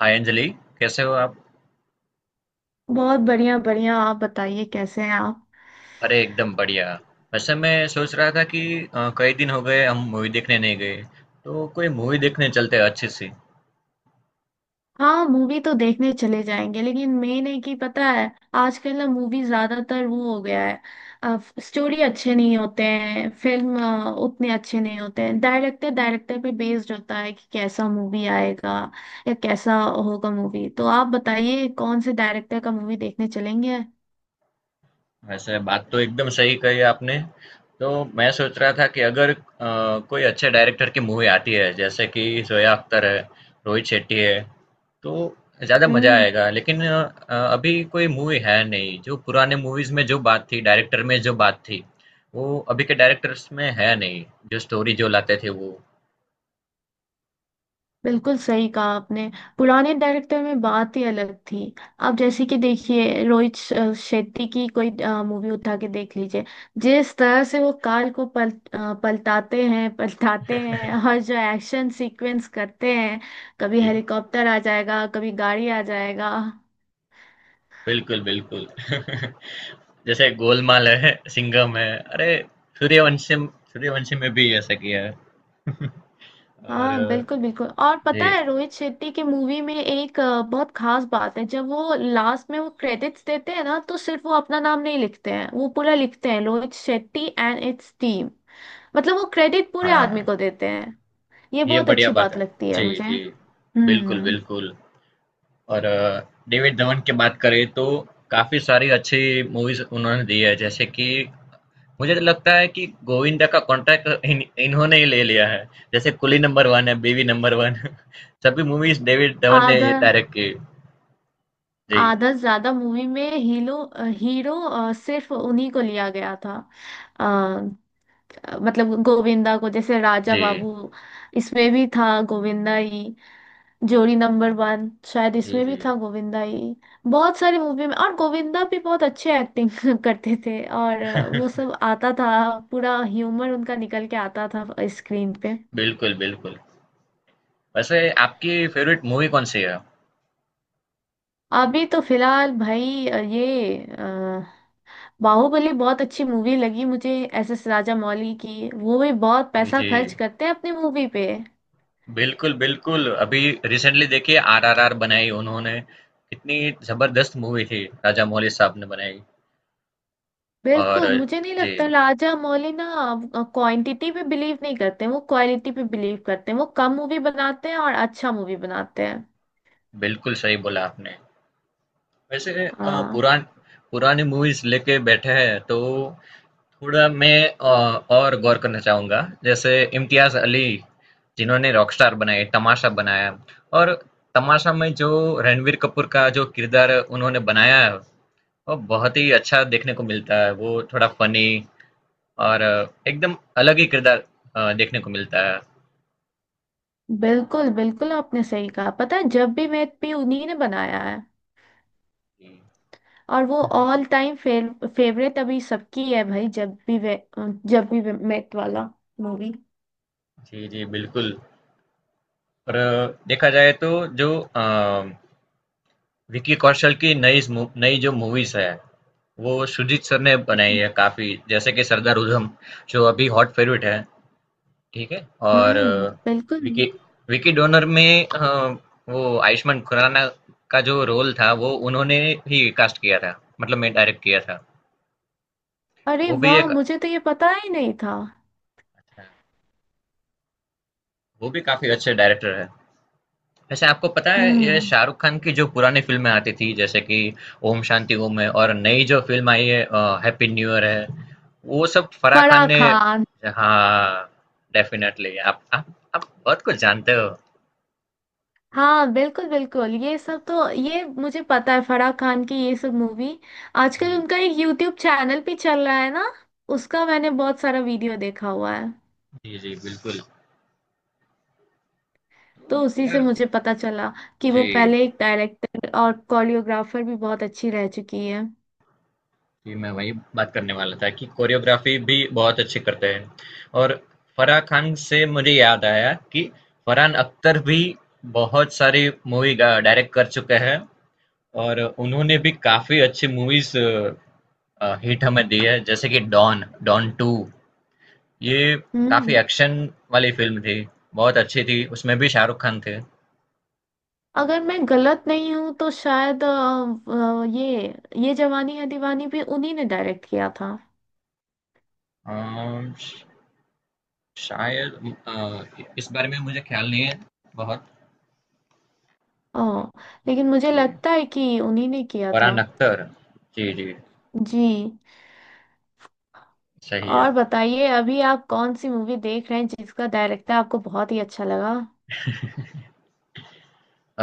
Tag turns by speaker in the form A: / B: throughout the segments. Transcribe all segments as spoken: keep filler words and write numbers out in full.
A: हाय अंजलि। कैसे हो आप?
B: बहुत बढ़िया बढ़िया आप बताइए कैसे हैं आप।
A: अरे एकदम बढ़िया। वैसे मैं सोच रहा था कि अ, कई दिन हो गए हम मूवी देखने नहीं गए। तो कोई मूवी देखने चलते हैं अच्छी सी।
B: हाँ, मूवी तो देखने चले जाएंगे, लेकिन मेन है कि पता है आजकल ना मूवी ज्यादातर वो हो गया है। स्टोरी अच्छे नहीं होते हैं, फिल्म अ, उतने अच्छे नहीं होते हैं। डायरेक्टर डायरेक्टर पे बेस्ड होता है कि कैसा मूवी आएगा या कैसा होगा। मूवी तो आप बताइए कौन से डायरेक्टर का मूवी देखने चलेंगे।
A: वैसे बात तो एकदम सही कही आपने। तो मैं सोच रहा था कि अगर अ, कोई अच्छे डायरेक्टर की मूवी आती है जैसे कि जोया अख्तर है, रोहित शेट्टी है। तो ज़्यादा मज़ा
B: हम्म
A: आएगा लेकिन अ, अ, अभी कोई मूवी है नहीं। जो पुराने मूवीज़ में जो बात थी, डायरेक्टर में जो बात थी, वो अभी के डायरेक्टर्स में है नहीं। जो स्टोरी जो लाते थे वो।
B: बिल्कुल सही कहा आपने। पुराने डायरेक्टर में बात ही अलग थी। आप जैसे कि देखिए रोहित श- अ, शेट्टी की कोई मूवी उठा के देख लीजिए। जिस तरह से वो काल को पल, अ, पलटाते हैं पलटाते हैं और जो एक्शन सीक्वेंस करते हैं, कभी
A: जी,
B: हेलीकॉप्टर आ जाएगा कभी गाड़ी आ जाएगा।
A: बिल्कुल, बिल्कुल। जैसे गोलमाल है, सिंघम है, अरे सूर्यवंशम, सूर्यवंशम में भी ऐसा किया है। और
B: हाँ,
A: अ,
B: बिल्कुल बिल्कुल। और पता
A: जी,
B: है रोहित शेट्टी की मूवी में एक अ, बहुत खास बात है, जब वो लास्ट में वो क्रेडिट्स देते हैं ना, तो सिर्फ वो अपना नाम नहीं लिखते हैं, वो पूरा लिखते हैं Rohit Shetty and its team. मतलब वो क्रेडिट पूरे आदमी
A: हाँ,
B: को देते हैं। ये
A: ये
B: बहुत
A: बढ़िया
B: अच्छी
A: बात
B: बात
A: है।
B: लगती है
A: जी,
B: मुझे।
A: जी, बिल्कुल,
B: हम्म
A: बिल्कुल। और अ, डेविड धवन की बात करें तो काफी सारी अच्छी मूवीज उन्होंने दी है। जैसे कि मुझे तो लगता है कि गोविंदा का कॉन्ट्रैक्ट इन, इन्होंने ही ले लिया है। जैसे कुली नंबर वन है, बेबी नंबर वन सभी मूवीज डेविड धवन ने
B: आधा
A: डायरेक्ट की। जी,
B: आधा से ज्यादा मूवी में हीरो हीरो अ, सिर्फ उन्हीं को लिया गया था। अ, मतलब गोविंदा को, जैसे राजा
A: जी,
B: बाबू, इसमें भी था गोविंदा ही। जोड़ी नंबर वन, शायद
A: जी,
B: इसमें भी
A: जी,
B: था गोविंदा ही। बहुत सारी मूवी में, और गोविंदा भी बहुत अच्छे एक्टिंग करते थे। और अ, वो सब आता था, पूरा ह्यूमर उनका निकल के आता था स्क्रीन पे।
A: बिल्कुल, बिल्कुल। वैसे आपकी फ़ेवरेट मूवी कौन-सी है?
B: अभी तो फिलहाल भाई अ, ये अ, बाहुबली बहुत अच्छी मूवी लगी मुझे। एस एस राजा मौली की, वो भी बहुत
A: जी,
B: पैसा
A: जी।
B: खर्च करते हैं अपनी मूवी पे।
A: बिल्कुल, बिल्कुल। अभी रिसेंटली देखिए आरआरआर बनाई उन्होंने, कितनी ज़बरदस्त मूवी थी राजा मौली साहब ने बनाई। और
B: बिल्कुल, मुझे नहीं
A: जी,
B: लगता राजा मौली ना क्वांटिटी पे बिलीव नहीं करते हैं, वो क्वालिटी पे बिलीव करते हैं। वो कम मूवी बनाते हैं और अच्छा मूवी बनाते हैं।
A: बिल्कुल सही बोला आपने। वैसे अ,
B: हाँ
A: पुरान पुरानी मूवीज़ लेके बैठे हैं तो थोड़ा मैं अ, और गौर करना चाहूँगा। जैसे इम्तियाज़ अली जिन्होंने रॉकस्टार बनाए, तमाशा बनाया। और तमाशा में जो रणबीर कपूर का जो किरदार उन्होंने बनाया है, वो बहुत ही अच्छा देखने को मिलता है। वो थोड़ा फ़नी और अ, एकदम अलग ही किरदार अ, देखने को मिलता है।
B: बिल्कुल बिल्कुल। आपने सही कहा, पता है, जब भी मैं भी उन्हीं ने बनाया है, और वो ऑल टाइम फेवरेट अभी सबकी है भाई। जब भी वे जब भी वे मेट वाला मूवी।
A: जी, जी, बिल्कुल। और अ, देखा जाए तो जो अ, विक्की कौशल की नई स मू नई जो मूवीज़ है वो सुजीत सर ने बनाई
B: हम्म।
A: है काफ़ी, जैसे कि सरदार उधम, जो अभी हॉट फेवरेट है, ठीक है? और
B: हम्म,
A: अ,
B: बिल्कुल।
A: विकी विकी डोनर में अ, वो आयुष्मान खुराना का जो रोल था, वो उन्होंने ही कास्ट किया था, मतलब में डायरेक्ट किया था।
B: अरे
A: वो भी
B: वाह,
A: एक
B: मुझे तो ये पता ही नहीं था।
A: वो भी काफ़ी अच्छे डायरेक्टर हैं। वैसे आपको पता है ये
B: हम्म,
A: शाहरुख खान की जो पुरानी फिल्में आती थी जैसे कि ओम शांति ओम है, और नई जो फिल्म आई है हैप्पी न्यू ईयर है, वो सब फराह खान
B: फराह
A: ने।
B: खान।
A: हाँ, डेफिनेटली आप, आप आप बहुत कुछ जानते हो।
B: हाँ बिल्कुल बिल्कुल, ये सब तो ये मुझे पता है, फराह खान की ये सब मूवी। आजकल
A: जी,
B: उनका एक यूट्यूब चैनल भी चल रहा है ना, उसका मैंने बहुत सारा वीडियो देखा हुआ है।
A: जी, जी, बिल्कुल।
B: तो
A: तो
B: उसी से
A: यार,
B: मुझे पता चला कि वो
A: जी,
B: पहले एक डायरेक्टर और कोरियोग्राफर भी बहुत अच्छी रह चुकी है।
A: जी, मैं वही बात करने वाला था कि कोरियोग्राफी भी बहुत अच्छी करते हैं। और फराह खान से मुझे याद आया कि फरहान अख्तर भी बहुत सारी मूवी डायरेक्ट कर चुके हैं। और उन्होंने भी काफ़ी अच्छी मूवीज़ अ, हिट हमें दी है, जैसे कि डॉन, डॉन टू। ये काफ़ी
B: हम्म
A: एक्शन वाली फिल्म थी, बहुत अच्छी थी, उसमें भी शाहरुख खान थे।
B: अगर मैं गलत नहीं हूँ तो शायद अ, अ, ये ये जवानी है दीवानी भी उन्हीं ने डायरेक्ट किया था।
A: अम, श- शायद अ, इस बारे में मुझे ख्याल नहीं है बहुत।
B: ओ, लेकिन मुझे
A: जी,
B: लगता है कि उन्हीं ने किया था।
A: फरहान अख्तर, जी, जी,
B: जी।
A: सही है।
B: और बताइए अभी आप कौन सी मूवी देख रहे हैं जिसका डायरेक्टर आपको बहुत ही अच्छा लगा।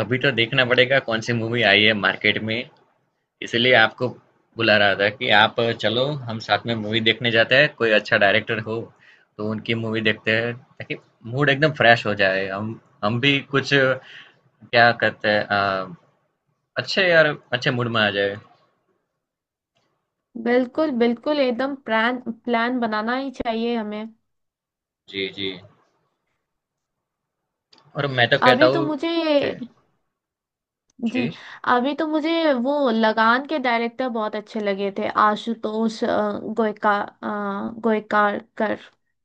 A: अभी तो देखना पड़ेगा कौन सी मूवी आई है मार्केट में। इसीलिए आपको बुला रहा था कि आप चलो हम साथ में मूवी देखने जाते हैं। कोई अच्छा डायरेक्टर हो तो उनकी मूवी देखते हैं, ताकि मूड एकदम फ्रेश हो जाए, हम हम भी कुछ क्या कहते हैं अ, अच्छे यार अच्छे मूड में आ जाए।
B: बिल्कुल बिल्कुल, एकदम प्लान प्लान बनाना ही चाहिए हमें।
A: जी, जी। और मैं तो कहता
B: अभी तो
A: हूँ,
B: मुझे
A: जी,
B: जी
A: जी,
B: अभी तो मुझे वो लगान के डायरेक्टर बहुत अच्छे लगे थे, आशुतोष अ, गोयका अ, गोयकार कर।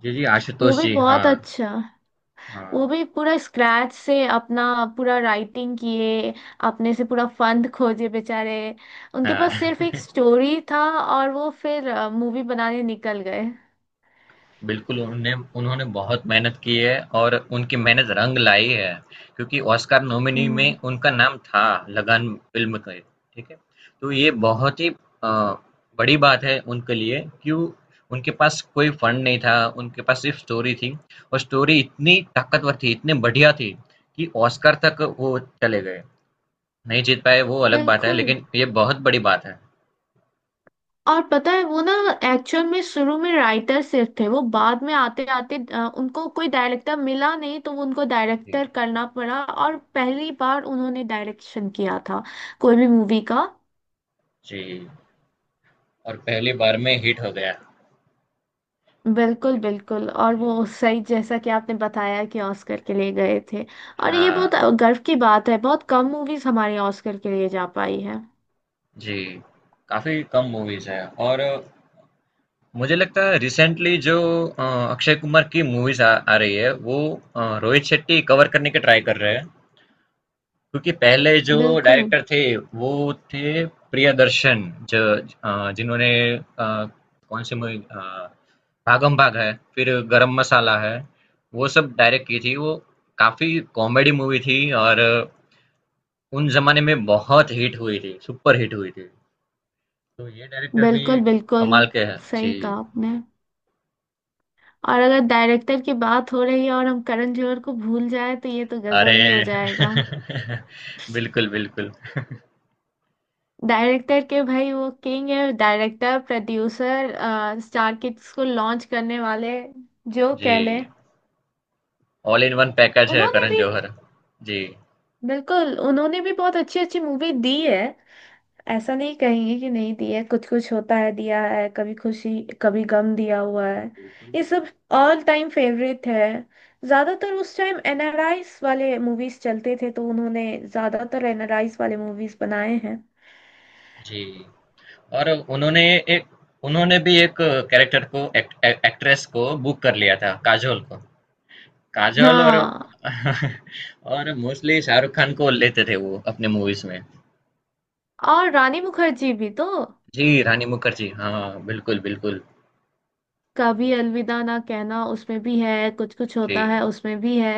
A: जी, जी,
B: वो
A: आशुतोष
B: भी
A: जी, हाँ,
B: बहुत अच्छा। वो
A: हाँ,
B: भी पूरा स्क्रैच से अपना पूरा राइटिंग किए, अपने से पूरा फंड खोजे बेचारे। उनके पास सिर्फ
A: हाँ।
B: एक स्टोरी था, और वो फिर मूवी बनाने निकल गए।
A: बिल्कुल, उन्होंने उन्होंने बहुत मेहनत की है और उनकी मेहनत रंग लाई है, क्योंकि ऑस्कर नॉमिनी
B: हम्म,
A: में उनका नाम था लगान फ़िल्म के, ठीक है? तो ये बहुत ही अ, बड़ी बात है उनके लिए, क्यों उनके पास कोई फंड नहीं था, उनके पास सिर्फ स्टोरी थी। और स्टोरी इतनी ताकतवर थी, इतनी बढ़िया थी कि ऑस्कर तक वो चले गए। नहीं जीत पाए वो अलग बात है,
B: बिल्कुल।
A: लेकिन ये बहुत बड़ी बात है।
B: और पता है वो ना, एक्चुअल में शुरू में राइटर सिर्फ थे। वो बाद में आते आते उनको कोई डायरेक्टर मिला नहीं, तो वो उनको
A: जी,
B: डायरेक्टर करना पड़ा और पहली बार उन्होंने डायरेक्शन किया था, कोई भी मूवी का।
A: जी, और पहली बार में हिट हो गया।
B: बिल्कुल बिल्कुल, और
A: जी,
B: वो सही, जैसा कि आपने बताया कि ऑस्कर के लिए गए थे। और ये
A: हाँ।
B: बहुत गर्व की बात है, बहुत कम मूवीज हमारी ऑस्कर के लिए जा पाई है।
A: जी, काफ़ी कम मूवीज़ हैं। और अ, मुझे लगता है रिसेंटली जो अ, अक्षय कुमार की मूवीज़ आ, आ रही है, वो अ, रोहित शेट्टी कवर करने की ट्राई कर रहे हैं। क्योंकि पहले जो
B: बिल्कुल
A: डायरेक्टर थे, वो थे प्रियदर्शन, जो अ, जिन्होंने अ, कौन सी मूवी, भागम भाग है, फिर गरम मसाला है, वो सब डायरेक्ट की थी वो। काफ़ी कॉमेडी मूवी थी। और अ, उन जमाने में बहुत हिट हुई थी, सुपर हिट हुई थी। तो ये डायरेक्टर भी
B: बिल्कुल। बिल्कुल
A: कमाल के हैं। जी।
B: सही कहा आपने। और अगर डायरेक्टर की बात हो रही है और हम करण जौहर को भूल जाए, तो ये तो गजब ही हो
A: अरे!
B: जाएगा।
A: बिल्कुल, बिल्कुल।
B: डायरेक्टर के भाई वो किंग है, डायरेक्टर प्रोड्यूसर, स्टार किड्स को लॉन्च करने वाले, जो
A: जी।
B: कह लें।
A: ऑल इन वन पैकेज है
B: उन्होंने
A: करण
B: भी,
A: जौहर। जी।
B: बिल्कुल उन्होंने भी बहुत अच्छी अच्छी मूवी दी है। ऐसा नहीं कहेंगे कि नहीं दिया है, कुछ कुछ होता है दिया है, कभी खुशी कभी गम दिया हुआ है,
A: बिल्कुल।
B: ये सब ऑल टाइम फेवरेट है। ज्यादातर उस टाइम एनआरआईस वाले मूवीज चलते थे, तो उन्होंने ज्यादातर एनआरआईस वाले मूवीज बनाए हैं।
A: जी। और उन्होंने एक उन्होंने भी एक कैरेक्टर को, एक, एक, एक्ट्रेस को बुक कर लिया था, काजोल को। काजोल और
B: हाँ।
A: और मोस्टली शाहरुख खान को लेते थे वो अपने मूवीज़ में।
B: और रानी मुखर्जी भी तो
A: जी, रानी मुखर्जी। हाँ, बिल्कुल, बिल्कुल।
B: कभी अलविदा ना कहना उसमें भी है, कुछ कुछ
A: जी।
B: होता है उसमें भी है।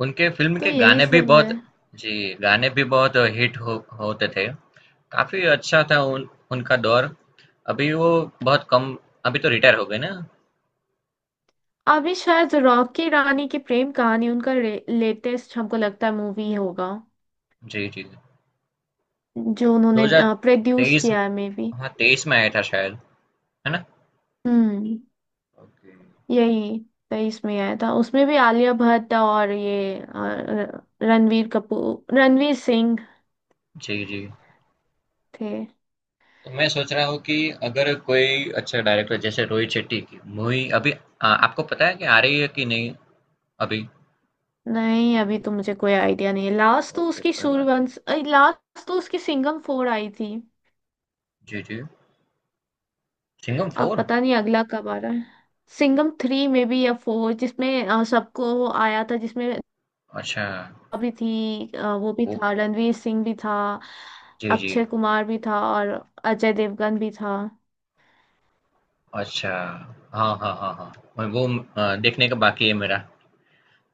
A: उनके फ़िल्म
B: तो
A: के
B: यही
A: गाने भी
B: सब
A: बहुत,
B: है।
A: जी, गाने भी बहुत हिट हो होते थे। काफ़ी अच्छा था उन उनका दौर। अभी वो बहुत कम, अभी तो रिटायर हो गए ना?
B: अभी शायद रॉकी रानी की प्रेम कहानी उनका लेटेस्ट हमको लगता है मूवी होगा,
A: जी, जी।
B: जो उन्होंने प्रोड्यूस
A: दो हज़ार तेईस,
B: किया है, मे बी।
A: हाँ, तेईस में आया था शायद, है ना?
B: हम्म
A: ओके,
B: यही, तेईस में आया था, उसमें भी आलिया भट्ट और ये अ, र- रणवीर कपूर, रणवीर सिंह
A: जी, जी।
B: थे।
A: तो मैं सोच रहा हूँ कि अगर कोई अच्छा डायरेक्टर जैसे रोहित शेट्टी की मूवी अभी अ, आपको पता है कि आ रही है कि नहीं अभी?
B: नहीं, अभी तो मुझे कोई आइडिया नहीं है, लास्ट तो
A: ओके,
B: उसकी
A: कोई बात नहीं।
B: सूर्यवंश लास्ट तो उसकी सिंघम फोर आई थी।
A: जी, जी। सिंघम
B: अब
A: फोर?
B: पता नहीं अगला कब आ रहा है। सिंघम थ्री में भी या फोर, जिसमें अ, सबको आया था, जिसमें
A: अच्छा,
B: भी थी अ, वो भी
A: वो,
B: था, रणवीर सिंह भी था,
A: जी, जी।
B: अक्षय कुमार भी था, और अजय देवगन भी था।
A: अच्छा। हाँ, हाँ, हाँ, हाँ। मैं वो अ, देखने का बाकी है मेरा।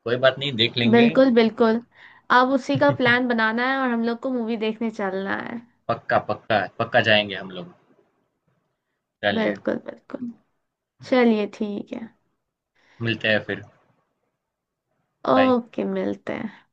A: कोई बात नहीं, देख लेंगे।
B: बिल्कुल बिल्कुल। अब उसी का प्लान बनाना है और हम लोग को मूवी देखने चलना है।
A: पक्का, पक्का, पक्का जाएँगे हम लोग। चलिए,
B: बिल्कुल बिल्कुल। चलिए ठीक है।
A: मिलते हैं फिर। बाय।
B: ओके मिलते हैं।